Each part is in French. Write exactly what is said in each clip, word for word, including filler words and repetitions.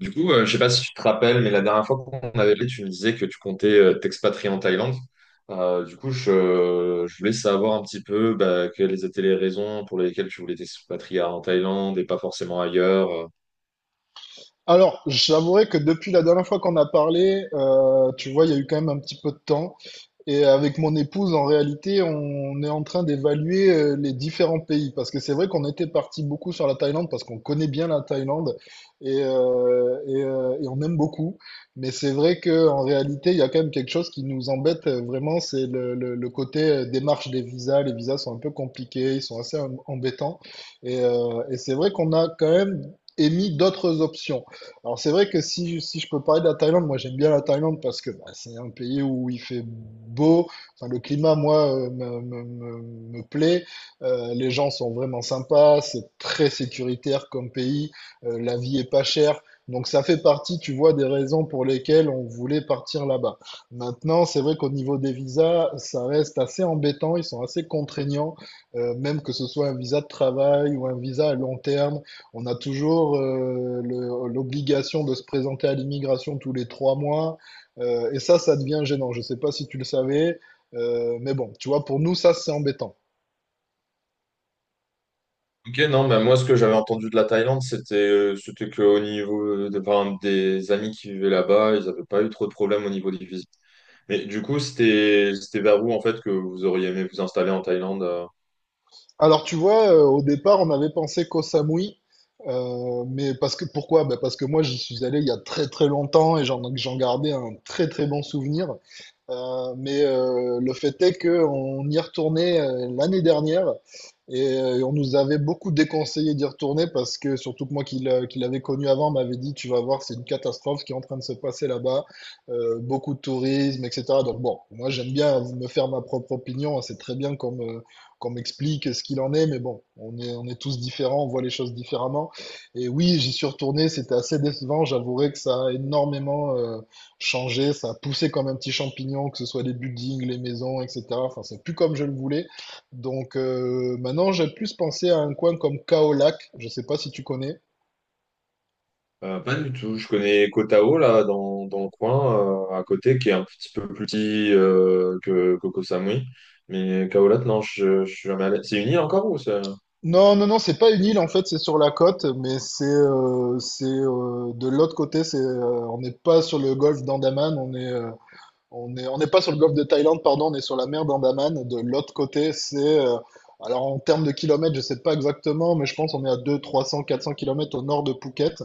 Du coup, euh, je sais pas si tu te rappelles, mais la dernière fois qu'on avait parlé, tu me disais que tu comptais euh, t'expatrier en Thaïlande. Euh, du coup, je, je voulais savoir un petit peu bah, quelles étaient les raisons pour lesquelles tu voulais t'expatrier en Thaïlande et pas forcément ailleurs. euh. Alors, j'avouerai que depuis la dernière fois qu'on a parlé, euh, tu vois, il y a eu quand même un petit peu de temps. Et avec mon épouse, en réalité, on est en train d'évaluer euh, les différents pays. Parce que c'est vrai qu'on était parti beaucoup sur la Thaïlande, parce qu'on connaît bien la Thaïlande et, euh, et, euh, et on aime beaucoup. Mais c'est vrai qu'en réalité, il y a quand même quelque chose qui nous embête euh, vraiment, c'est le, le- le côté euh, démarche des visas. Les visas sont un peu compliqués, ils sont assez em- embêtants. Et, euh, et c'est vrai qu'on a quand même émis d'autres options. Alors c'est vrai que si, si je peux parler de la Thaïlande, moi j'aime bien la Thaïlande parce que bah, c'est un pays où il fait beau, enfin le climat moi euh, me, me, me- me plaît. Euh, les gens sont vraiment sympas, c'est très sécuritaire comme pays. Euh, la vie est pas chère, donc ça fait partie, tu vois, des raisons pour lesquelles on voulait partir là-bas. Maintenant, c'est vrai qu'au niveau des visas, ça reste assez embêtant, ils sont assez contraignants, euh, même que ce soit un visa de travail ou un visa à long terme. On a toujours euh, le- l'obligation de se présenter à l'immigration tous les trois mois. euh, et ça, ça devient gênant. Je ne sais pas si tu le savais. euh, mais bon, tu vois, pour nous, ça, c'est embêtant. Ok, non, bah, moi, ce que j'avais entendu de la Thaïlande, c'était euh, c'était qu'au niveau euh, de, par exemple, des amis qui vivaient là-bas, ils n'avaient pas eu trop de problèmes au niveau des visas. Mais du coup, c'était c'était vers où, en fait, que vous auriez aimé vous installer en Thaïlande? euh Alors, tu vois, euh, au départ, on avait pensé qu'au Samui. euh, mais parce que pourquoi? Ben, parce que moi, j'y suis allé il y a très très longtemps et j'en j'en gardais un très très bon souvenir. Euh, mais euh, le fait est qu'on y retournait euh, l'année dernière et euh, on nous avait beaucoup déconseillé d'y retourner parce que surtout que moi qui l'a- qui l'avais connu avant m'avait dit tu vas voir c'est une catastrophe qui est en train de se passer là-bas, euh, beaucoup de tourisme et cetera. Donc bon, moi j'aime bien me faire ma propre opinion, c'est très bien qu'on me, qu'on m'explique ce qu'il en est, mais bon, on est, on est tous différents, on voit les choses différemment. Et oui, j'y suis retourné, c'était assez décevant, j'avouerai que ça a énormément... euh, changé, ça a poussé comme un petit champignon, que ce soit les buildings, les maisons, et cetera. Enfin, c'est plus comme je le voulais. Donc euh, maintenant, j'ai plus pensé à un coin comme Kaolac, je sais pas si tu connais. Euh, pas du tout. Je connais Koh Tao, là, dans, dans le coin, euh, à côté, qui est un petit peu plus petit euh, que, que Koh Samui. Mais Khao Lak, non, je, je suis jamais allé. C'est une île encore ou c'est... Non, non, non, c'est pas une île en fait, c'est sur la côte, mais c'est euh, c'est euh, de l'autre côté, c'est euh, on n'est pas sur le golfe d'Andaman, on est euh, on est on n'est pas sur le golfe de Thaïlande, pardon, on est sur la mer d'Andaman. De l'autre côté, c'est euh, alors en termes de kilomètres, je sais pas exactement, mais je pense on est à deux, trois cents, quatre cents kilomètres au nord de Phuket.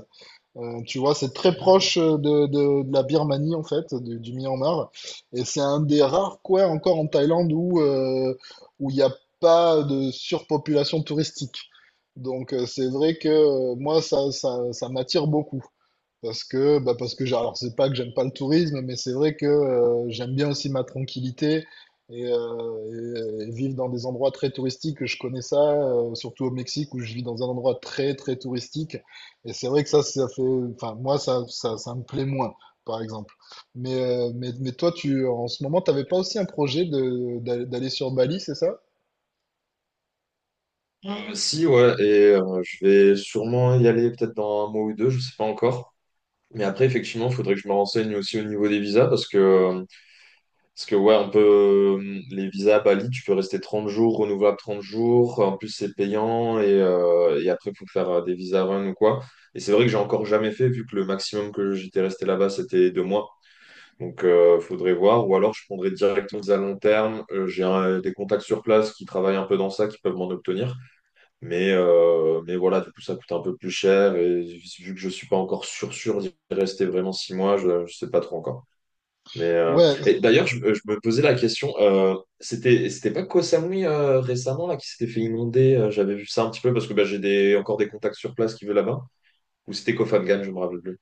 Euh, tu vois, c'est très D'accord. proche euh, de, de- de la Birmanie, en fait, du, du Myanmar. Et c'est un des rares coins encore en Thaïlande où euh, où il n'y a pas de surpopulation touristique. Donc, euh, c'est vrai que euh, moi, ça, ça, ça m'attire beaucoup. Parce que, bah parce que j'ai- alors c'est pas que j'aime pas le tourisme, mais c'est vrai que euh, j'aime bien aussi ma tranquillité et, euh, et- et vivre dans des endroits très touristiques. Je connais ça, euh, surtout au Mexique où je vis dans un endroit très très touristique. Et c'est vrai que ça, ça fait, enfin moi ça, ça, ça me plaît moins, par exemple. Mais, euh, mais, mais toi, tu, en ce moment, t'avais pas aussi un projet de, d'aller d'aller sur Bali, c'est ça? Euh, si, ouais, et euh, je vais sûrement y aller peut-être dans un mois ou deux, je sais pas encore. Mais après, effectivement, il faudrait que je me renseigne aussi au niveau des visas parce que euh, Parce que ouais, on peut euh, les visas à Bali, tu peux rester trente jours, renouvelable trente jours, en plus c'est payant et, euh, et après il faut faire euh, des visas run ou quoi. Et c'est vrai que j'ai encore jamais fait vu que le maximum que j'étais resté là-bas c'était deux mois. Donc euh, faudrait voir ou alors je prendrais directement des à long terme. Euh, j'ai un- des contacts sur place qui travaillent un peu dans ça, qui peuvent m'en obtenir. Mais, euh, mais voilà, du coup ça coûte un peu plus cher et vu que je suis pas encore sûr sûr d'y rester vraiment six mois, je, je sais pas trop encore. Mais euh, Ouais, et d'ailleurs, je, je me posais la question, euh, c'était c'était pas Koh Samui euh, récemment là qui s'était fait inonder, euh, j'avais vu ça un petit peu parce que bah, j'ai des encore des contacts sur place qui vivent là-bas, ou c'était Koh Phangan, je me rappelle plus.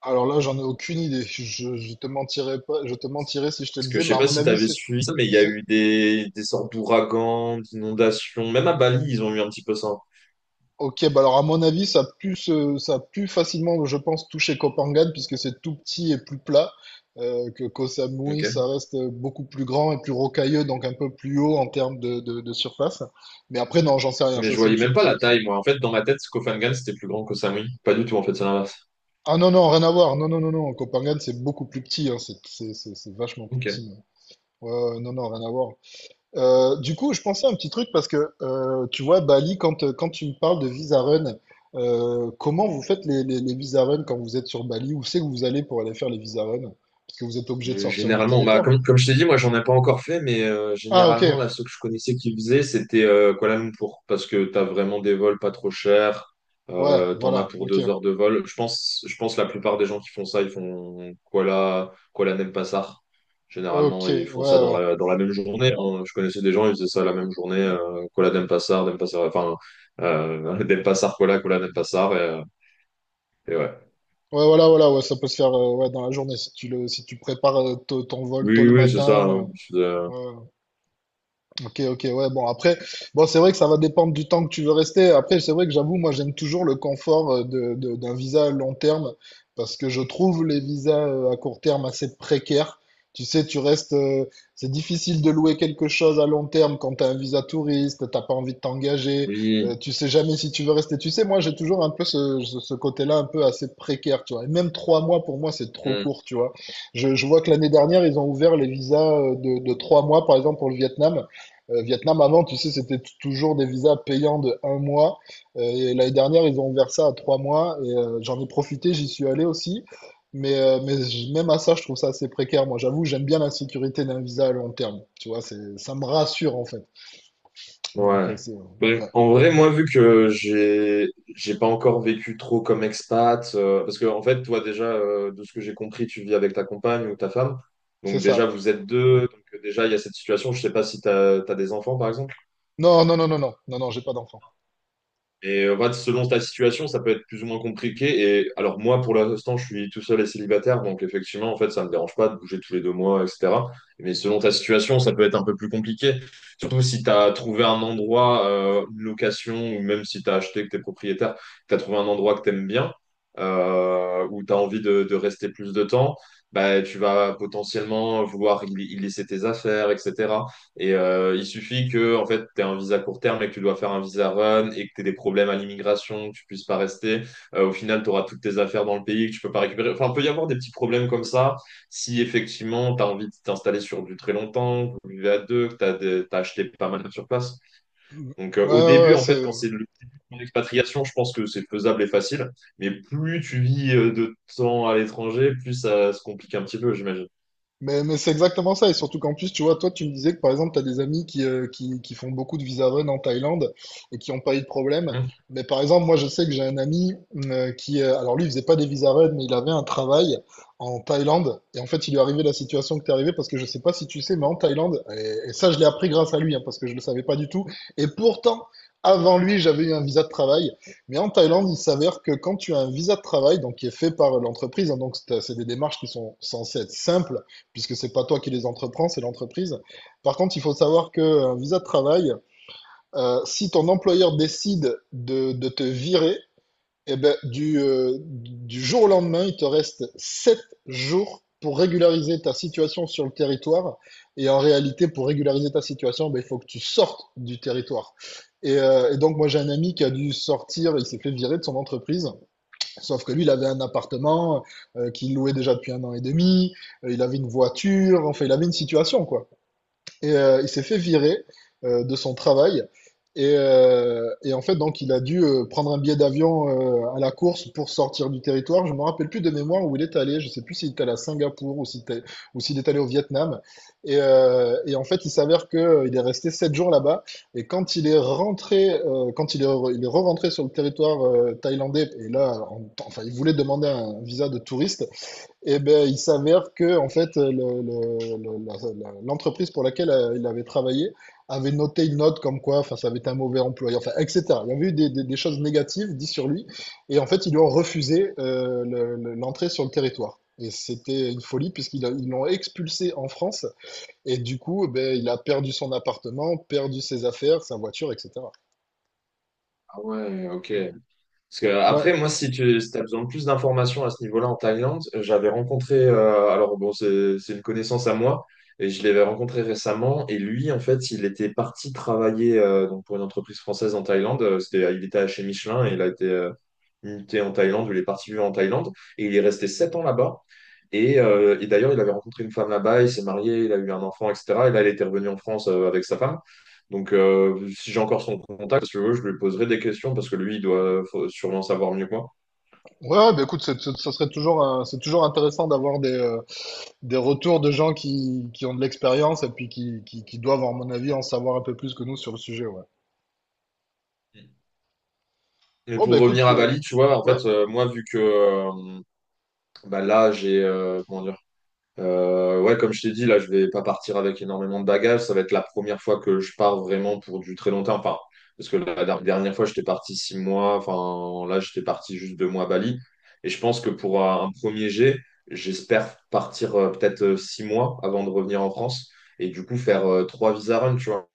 alors là, j'en ai aucune idée. Je, je te mentirais pas, je te mentirais si je te le Parce que disais, je mais sais à pas mon si tu avis. avais suivi ça, mais il y a C'est eu des, des sortes d'ouragans, d'inondations, même à Bali, ils ont eu un petit peu ça. Ok, bah alors à mon avis, ça a pu se- ça a pu facilement, je pense, toucher Kopangan, puisque c'est tout petit et plus plat, euh, que Koh Samui, ça Ok. reste beaucoup plus grand et plus rocailleux, donc un peu plus haut en termes de, de, de surface. Mais après, non, j'en sais rien, Mais ça je c'est une... voyais sup- même pas c'est- la c'est- taille, moi. En fait, dans ma tête, Koh Phangan, c'était plus grand que Koh Samui. Pas du tout, en fait, c'est l'inverse. Ah non, non, rien à voir, non, non, non, non, Koh Phangan, c'est beaucoup plus petit, hein, c'est c'est- c'est- c'est vachement plus petit. Ok. mais- Ouais, ouais, non, non, rien à voir. Euh, du coup, je pensais à un petit truc parce que euh, tu vois, Bali, quand, euh, quand tu me parles de visa run, euh, comment vous faites les, les, les visa run quand vous êtes sur Bali? Où c'est que vous allez pour aller faire les visa run? Parce que vous êtes obligé de Euh, sortir du Généralement, bah, comme, territoire. comme je t'ai dit, moi j'en ai pas encore fait, mais euh, Ah, ok, généralement, là, ceux que je connaissais qui faisaient, c'était euh, Kuala Lumpur, parce que t'as vraiment des vols pas trop chers, ouais, euh, t'en as voilà, pour ok, deux heures de vol. Je pense, je pense la plupart des gens qui font ça, ils font Kuala, Kuala Denpasar. ok, Généralement, ils ouais, font ça dans ouais. la, dans la même journée. Hein. Je connaissais des gens, ils faisaient ça la même journée, euh, Kuala Denpasar, Denpasar, enfin, euh, Denpasar, Kuala, Kuala Denpasar, et, euh, et ouais. Ouais, voilà, voilà, ouais, ça peut se faire euh, ouais, dans la journée si tu le, si tu prépares euh, t- ton vol tôt Oui, le oui, c'est ça. Hein. matin. Je faisais- euh, euh, ouais, ouais. Ok, ok, ouais, bon, après, bon, c'est vrai que ça va dépendre du temps que tu veux rester. Après, c'est vrai que j'avoue, moi, j'aime toujours le confort euh, de, de- d'un visa à long terme parce que je trouve les visas euh, à court terme assez précaires. Tu sais, tu restes, euh, c'est difficile de louer quelque chose à long terme quand tu as un visa touriste, t'as pas envie de t'engager, euh, Oui. tu sais jamais si tu veux rester. Tu sais, moi, j'ai toujours un peu ce, ce ce côté-là un peu assez précaire, tu vois. Et même trois mois, pour moi, c'est trop Hmm. court, tu vois. Je, je vois que l'année dernière, ils ont ouvert les visas euh, de, de trois mois, par exemple, pour le Vietnam. Euh, Vietnam, avant, tu sais, c'était t- toujours des visas payants de un mois. Euh, et l'année dernière, ils ont ouvert ça à trois mois. Et euh, j'en ai profité, j'y suis allé aussi. Mais, euh, mais j- même à ça, je trouve ça assez précaire. Moi, j'avoue, j'aime bien la sécurité d'un visa à long terme. Tu vois, c'est, ça me rassure, en fait. Donc, euh, Ouais. c'est, Ben, ouais, en vrai, moi, vu que j'ai j'ai pas encore vécu trop comme expat, euh, parce que en fait, toi déjà, euh, de ce que j'ai compris, tu vis avec ta compagne ou ta femme, c'est donc ça. déjà vous êtes deux, donc euh, déjà il y a cette situation. Je sais pas si t'as t'as des enfants, par exemple. Non, non, non, non, non, non, non, j'ai pas d'enfant. Et en fait, selon ta situation, ça peut être plus ou moins compliqué. Et alors moi, pour l'instant, je suis tout seul et célibataire, donc effectivement, en fait, ça me dérange pas de bouger tous les deux mois, et cetera. Mais selon ta situation, ça peut être un peu plus compliqué. Surtout si tu as trouvé un endroit, euh, une location, ou même si tu as acheté, que tu es propriétaire, que tu as trouvé un endroit que tu aimes bien, euh, où tu as envie de, de rester plus de temps, bah, tu vas potentiellement vouloir y y laisser tes affaires, et cetera. Et euh, il suffit que en fait, tu aies un visa court terme et que tu dois faire un visa run et que tu aies des problèmes à l'immigration, que tu puisses pas rester. Euh, au final, tu auras toutes tes affaires dans le pays que tu peux pas récupérer. Enfin, il peut y avoir des petits problèmes comme ça si effectivement tu as envie de t'installer sur du très longtemps, que vous vivez à deux, que tu as, des... t'as acheté pas mal sur place. Ouais, Donc euh, au ouais, début, ouais. en fait, quand c'est... c'est le en expatriation, je pense que c'est faisable et facile, mais plus tu vis euh, de temps à l'étranger, plus ça se complique un petit peu, j'imagine. Mais, mais c'est exactement ça. Et surtout qu'en plus, tu vois, toi, tu me disais que par exemple, tu as des amis qui, euh, qui, qui font beaucoup de visa run en Thaïlande et qui n'ont pas eu de problème. Mhm. Mais par exemple, moi, je sais que j'ai un ami euh, qui, euh, alors lui, il faisait pas des visa run, mais il avait un travail en Thaïlande. Et en fait, il lui est arrivé la situation que t'es arrivée parce que je sais pas si tu sais, mais en Thaïlande, et, et ça, je l'ai appris grâce à lui, hein, parce que je le savais pas du tout. Et pourtant, avant lui, j'avais eu un visa de travail. Mais en Thaïlande, il s'avère que quand tu as un visa de travail, donc qui est fait par l'entreprise, hein, donc c'est c'est des démarches qui sont censées être simples, puisque c'est pas toi qui les entreprends, c'est l'entreprise. Par contre, il faut savoir qu'un visa de travail, euh, si ton employeur décide de, de te virer, eh ben, du, euh, du jour au lendemain, il te reste sept jours pour régulariser ta situation sur le territoire. Et en réalité, pour régulariser ta situation, ben, il faut que tu sortes du territoire. Et, euh, et donc, moi, j'ai un ami qui a dû sortir, il s'est fait virer de son entreprise. Sauf que lui, il avait un appartement euh, qu'il louait déjà depuis un an et demi, euh, il avait une voiture, enfin, il avait une situation, quoi. Et euh, il s'est fait virer euh, de son travail. Et, euh, et en fait, donc, il a dû euh, prendre un billet d'avion euh, à la course pour sortir du territoire. Je me rappelle plus de mémoire où il est allé. Je sais plus s'il est allé à Singapour ou s'il était- ou s'il est allé au Vietnam. Et, euh, et en fait, il s'avère que euh, il est resté sept jours là-bas. Et quand il est rentré, euh, quand il est, re- il est re-rentré sur le territoire euh, thaïlandais, et là, en- enfin, il voulait demander un visa de touriste. Eh ben, il s'avère que en fait, le- le- le- la- la- l'entreprise pour laquelle euh, il avait travaillé avait noté une note comme quoi, enfin, ça avait été un mauvais employé, enfin, et cetera. Il y avait eu des, des- des choses négatives dites sur lui, et en fait, ils lui ont refusé euh, le- le- l'entrée sur le territoire. Et c'était une folie puisqu'ils a- ils l'ont expulsé en France, et du coup, eh ben, il a perdu son appartement, perdu ses affaires, sa voiture, et cetera. Ah ouais, ok. Parce que Ouais, après, moi, si tu as besoin de plus d'informations à ce niveau-là en Thaïlande, euh, j'avais rencontré, euh, alors bon, c'est c'est une connaissance à moi, et je l'avais rencontré récemment, et lui, en fait, il était parti travailler euh, donc pour une entreprise française en Thaïlande, euh, c'était, il était chez Michelin, et il a été euh, il était en Thaïlande, où il est parti vivre en Thaïlande et il est resté sept ans là-bas. Et, euh, et d'ailleurs, il avait rencontré une femme là-bas, il s'est marié, il a eu un enfant, et cetera. Et là, il était revenu en France euh, avec sa femme. Donc, euh, si j'ai encore son contact, si tu veux, je lui poserai des questions parce que lui, il doit faut sûrement savoir mieux que moi. ouais, ben, écoute, c'est- c'est- ça serait toujours, un- c'est toujours intéressant d'avoir des, euh, des retours de gens qui, qui ont de l'expérience et puis qui, qui, qui doivent, à mon avis, en savoir un peu plus que nous sur le sujet, ouais. Mais Bon, bah pour écoute, revenir à euh, Bali, tu vois, en ouais. fait, euh, moi, vu que euh, bah là, j'ai euh, comment dire, Euh, ouais, comme je t'ai dit, là, je vais pas partir avec énormément de bagages. Ça va être la première fois que je pars vraiment pour du très longtemps. Enfin, parce que la der- dernière fois, j'étais parti six mois. Enfin, là, j'étais parti juste deux mois à Bali. Et je pense que pour euh, un premier jet, j'espère partir euh, peut-être euh, six mois avant de revenir en France. Et du coup, faire euh, trois visa runs, tu vois.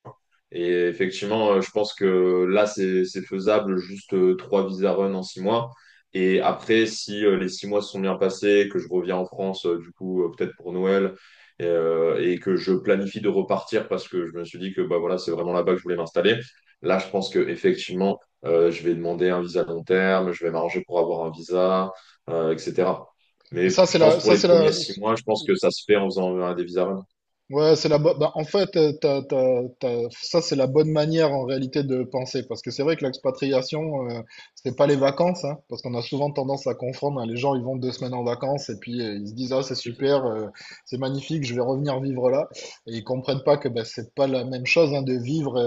Et effectivement, euh, je pense que là, c'est c'est faisable, juste euh, trois visa run en six mois. Et après, si euh, les six mois se sont bien passés, que je reviens en France, euh, du coup, euh, peut-être pour Noël, et, euh, et que je planifie de repartir parce que je me suis dit que bah, voilà, c'est vraiment là-bas que je voulais m'installer, là, je pense que effectivement, euh, je vais demander un visa long terme, je vais m'arranger pour avoir un visa, euh, et cetera. Mais Ça, c'est je la, pense pour ça, les c'est la, premiers six mois, je pense que ça se fait en faisant euh, des visa run. ouais, c'est la, bo- bah, en fait, euh, t'as- t'as- t'as- Ça, c'est la bonne manière, en réalité, de penser. Parce que c'est vrai que l'expatriation, euh, c'est pas les vacances, hein, parce qu'on a souvent tendance à confondre, hein. Les gens, ils vont deux semaines en vacances et puis euh, ils se disent, ah, c'est super, euh, c'est magnifique, je vais revenir vivre là. Et ils comprennent pas que, bah, c'est pas la même chose, hein, de vivre,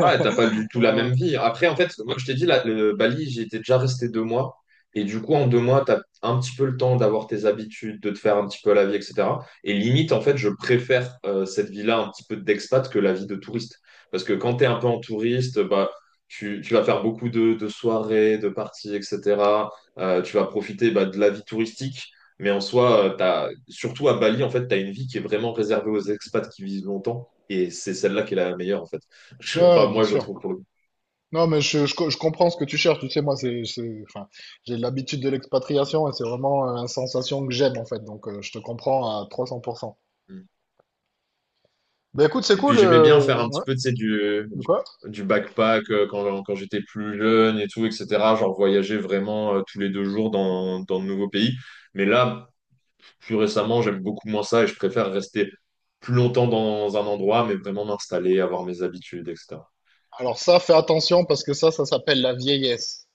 Ouais, t'as pas du tout la euh, même vie. Après, en fait, moi, je t'ai dit, là, le Bali, j'y étais déjà resté deux mois. Et du coup, en deux mois, t'as un petit peu le temps d'avoir tes habitudes, de te faire un petit peu la vie, et cetera. Et limite, en fait, je préfère euh, cette vie-là un petit peu d'expat que la vie de touriste. Parce que quand t'es un peu en touriste, bah, tu, tu vas faire beaucoup de, de soirées, de parties, et cetera. Euh, tu vas profiter bah, de la vie touristique. Mais en soi, euh, t'as, surtout à Bali, en fait, t'as une vie qui est vraiment réservée aux expats qui vivent longtemps. Et c'est celle-là qui est la meilleure, en fait. Je- enfin, Ouais, bien moi, je sûr. trouve pour le coup. Non, mais je, je, co- je comprends ce que tu cherches. Tu sais, moi, c'est, c'est- enfin, j'ai l'habitude de l'expatriation et c'est vraiment euh, une sensation que j'aime, en fait. Donc, euh, je te comprends à trois cents pour cent. Ben écoute, c'est Et puis, cool. j'aimais bien faire euh, un Ouais. petit peu, tu sais, du, De du, quoi? du backpack euh, quand, quand j'étais plus jeune et tout, et cetera. Genre, voyager vraiment euh, tous les deux jours dans, dans de nouveaux pays. Mais là, plus récemment, j'aime beaucoup moins ça et je préfère rester plus longtemps dans un endroit, mais vraiment m'installer, avoir mes habitudes, et cetera Alors ça, fais attention parce que ça, ça s'appelle la vieillesse.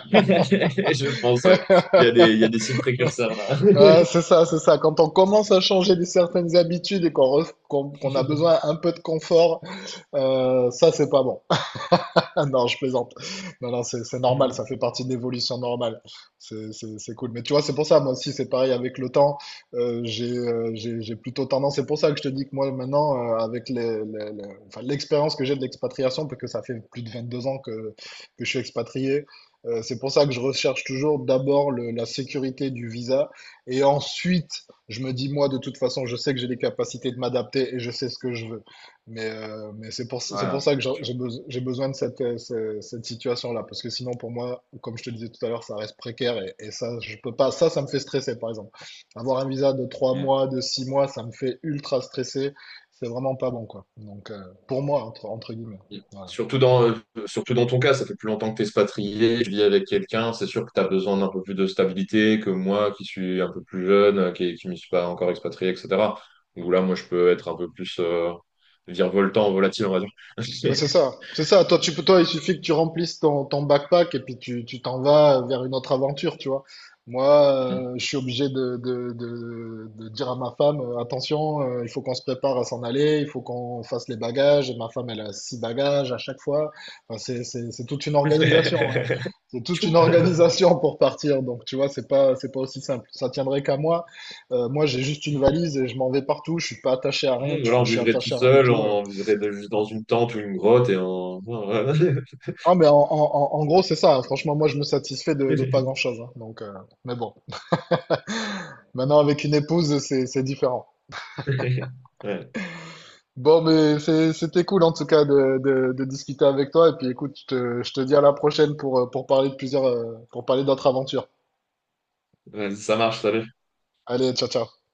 Je pense, ouais. Il y a des, il y a des signes précurseurs, là. Ah, c'est ça, c'est ça. Quand on commence à changer de certaines habitudes et qu'on ref- qu'on qu'on a besoin un peu de confort, euh, ça, c'est pas bon. Non, je plaisante. Non, non, c'est c'est normal, ça fait partie de l'évolution normale. C'est c'est- c'est cool. Mais tu vois, c'est pour ça, moi aussi, c'est pareil avec le temps. Euh, j'ai euh, j'ai- j'ai plutôt tendance, c'est pour ça que je te dis que moi, maintenant, euh, avec les- les- les- enfin, l'expérience que j'ai de l'expatriation, parce que ça fait plus de vingt-deux ans que, que je suis expatrié, euh, c'est pour ça que je recherche toujours d'abord le- la sécurité du visa. Et ensuite, je me dis, moi, de toute façon, je sais que j'ai les capacités de m'adapter et je sais ce que je veux. Mais, euh, mais c'est pour, c'est pour Voilà. ça que j'ai j'ai beso- j'ai besoin de cette, euh, ce- cette situation-là, parce que sinon, pour moi, comme je te disais tout à l'heure, ça reste précaire et, et ça, je peux pas. Ça, ça me fait stresser, par exemple. Avoir un visa de trois mois, de six mois, ça me fait ultra stresser. C'est vraiment pas bon, quoi. Donc, euh, pour moi, entre, entre guillemets. Voilà. Surtout dans, euh, surtout dans ton cas, ça fait plus longtemps que tu es expatrié, tu vis avec quelqu'un, c'est sûr que tu as besoin d'un peu plus de stabilité que moi qui suis un peu plus jeune, euh, qui ne m'y suis pas encore expatrié, et cetera. Donc là, moi, je peux être un peu plus euh, virevoltant, volatile, on va dire. Mais c'est ça, c'est ça. Toi, tu peux, toi, il suffit que tu remplisses ton, ton backpack et puis tu, tu t'en vas vers une autre aventure, tu vois. Moi, euh, je suis obligé de, de, de, de dire à ma femme, euh, attention, euh, il faut qu'on se prépare à s'en aller, il faut qu'on fasse les bagages. Et ma femme, elle a six bagages à chaque fois. Enfin, c'est, c'est, c'est toute une organisation, hein. C'est toute une Tchou. organisation pour partir. Donc, tu vois, c'est pas, c'est pas aussi simple. Ça tiendrait qu'à moi. Euh, moi, j'ai juste une valise et je m'en vais partout. Je suis pas attaché à rien. Voilà, Enfin, on je suis vivrait tout attaché à rien du seul, tout. euh. on vivrait de- juste dans une tente ou une grotte et on... Ah, mais en, en- en- en gros, c'est ça, hein. Franchement, moi, je me satisfais de, de pas grand-chose, hein. Donc, euh, mais bon, maintenant, avec une épouse, c'est, c'est différent. Ouais, Bon, mais c'est- c'était cool, en tout cas, de, de- de discuter avec toi. Et puis, écoute, je te, je te dis à la prochaine pour, euh, pour parler de plusieurs, euh, pour parler d'autres aventures. ouais, ça marche, ça Allez, ciao, ciao.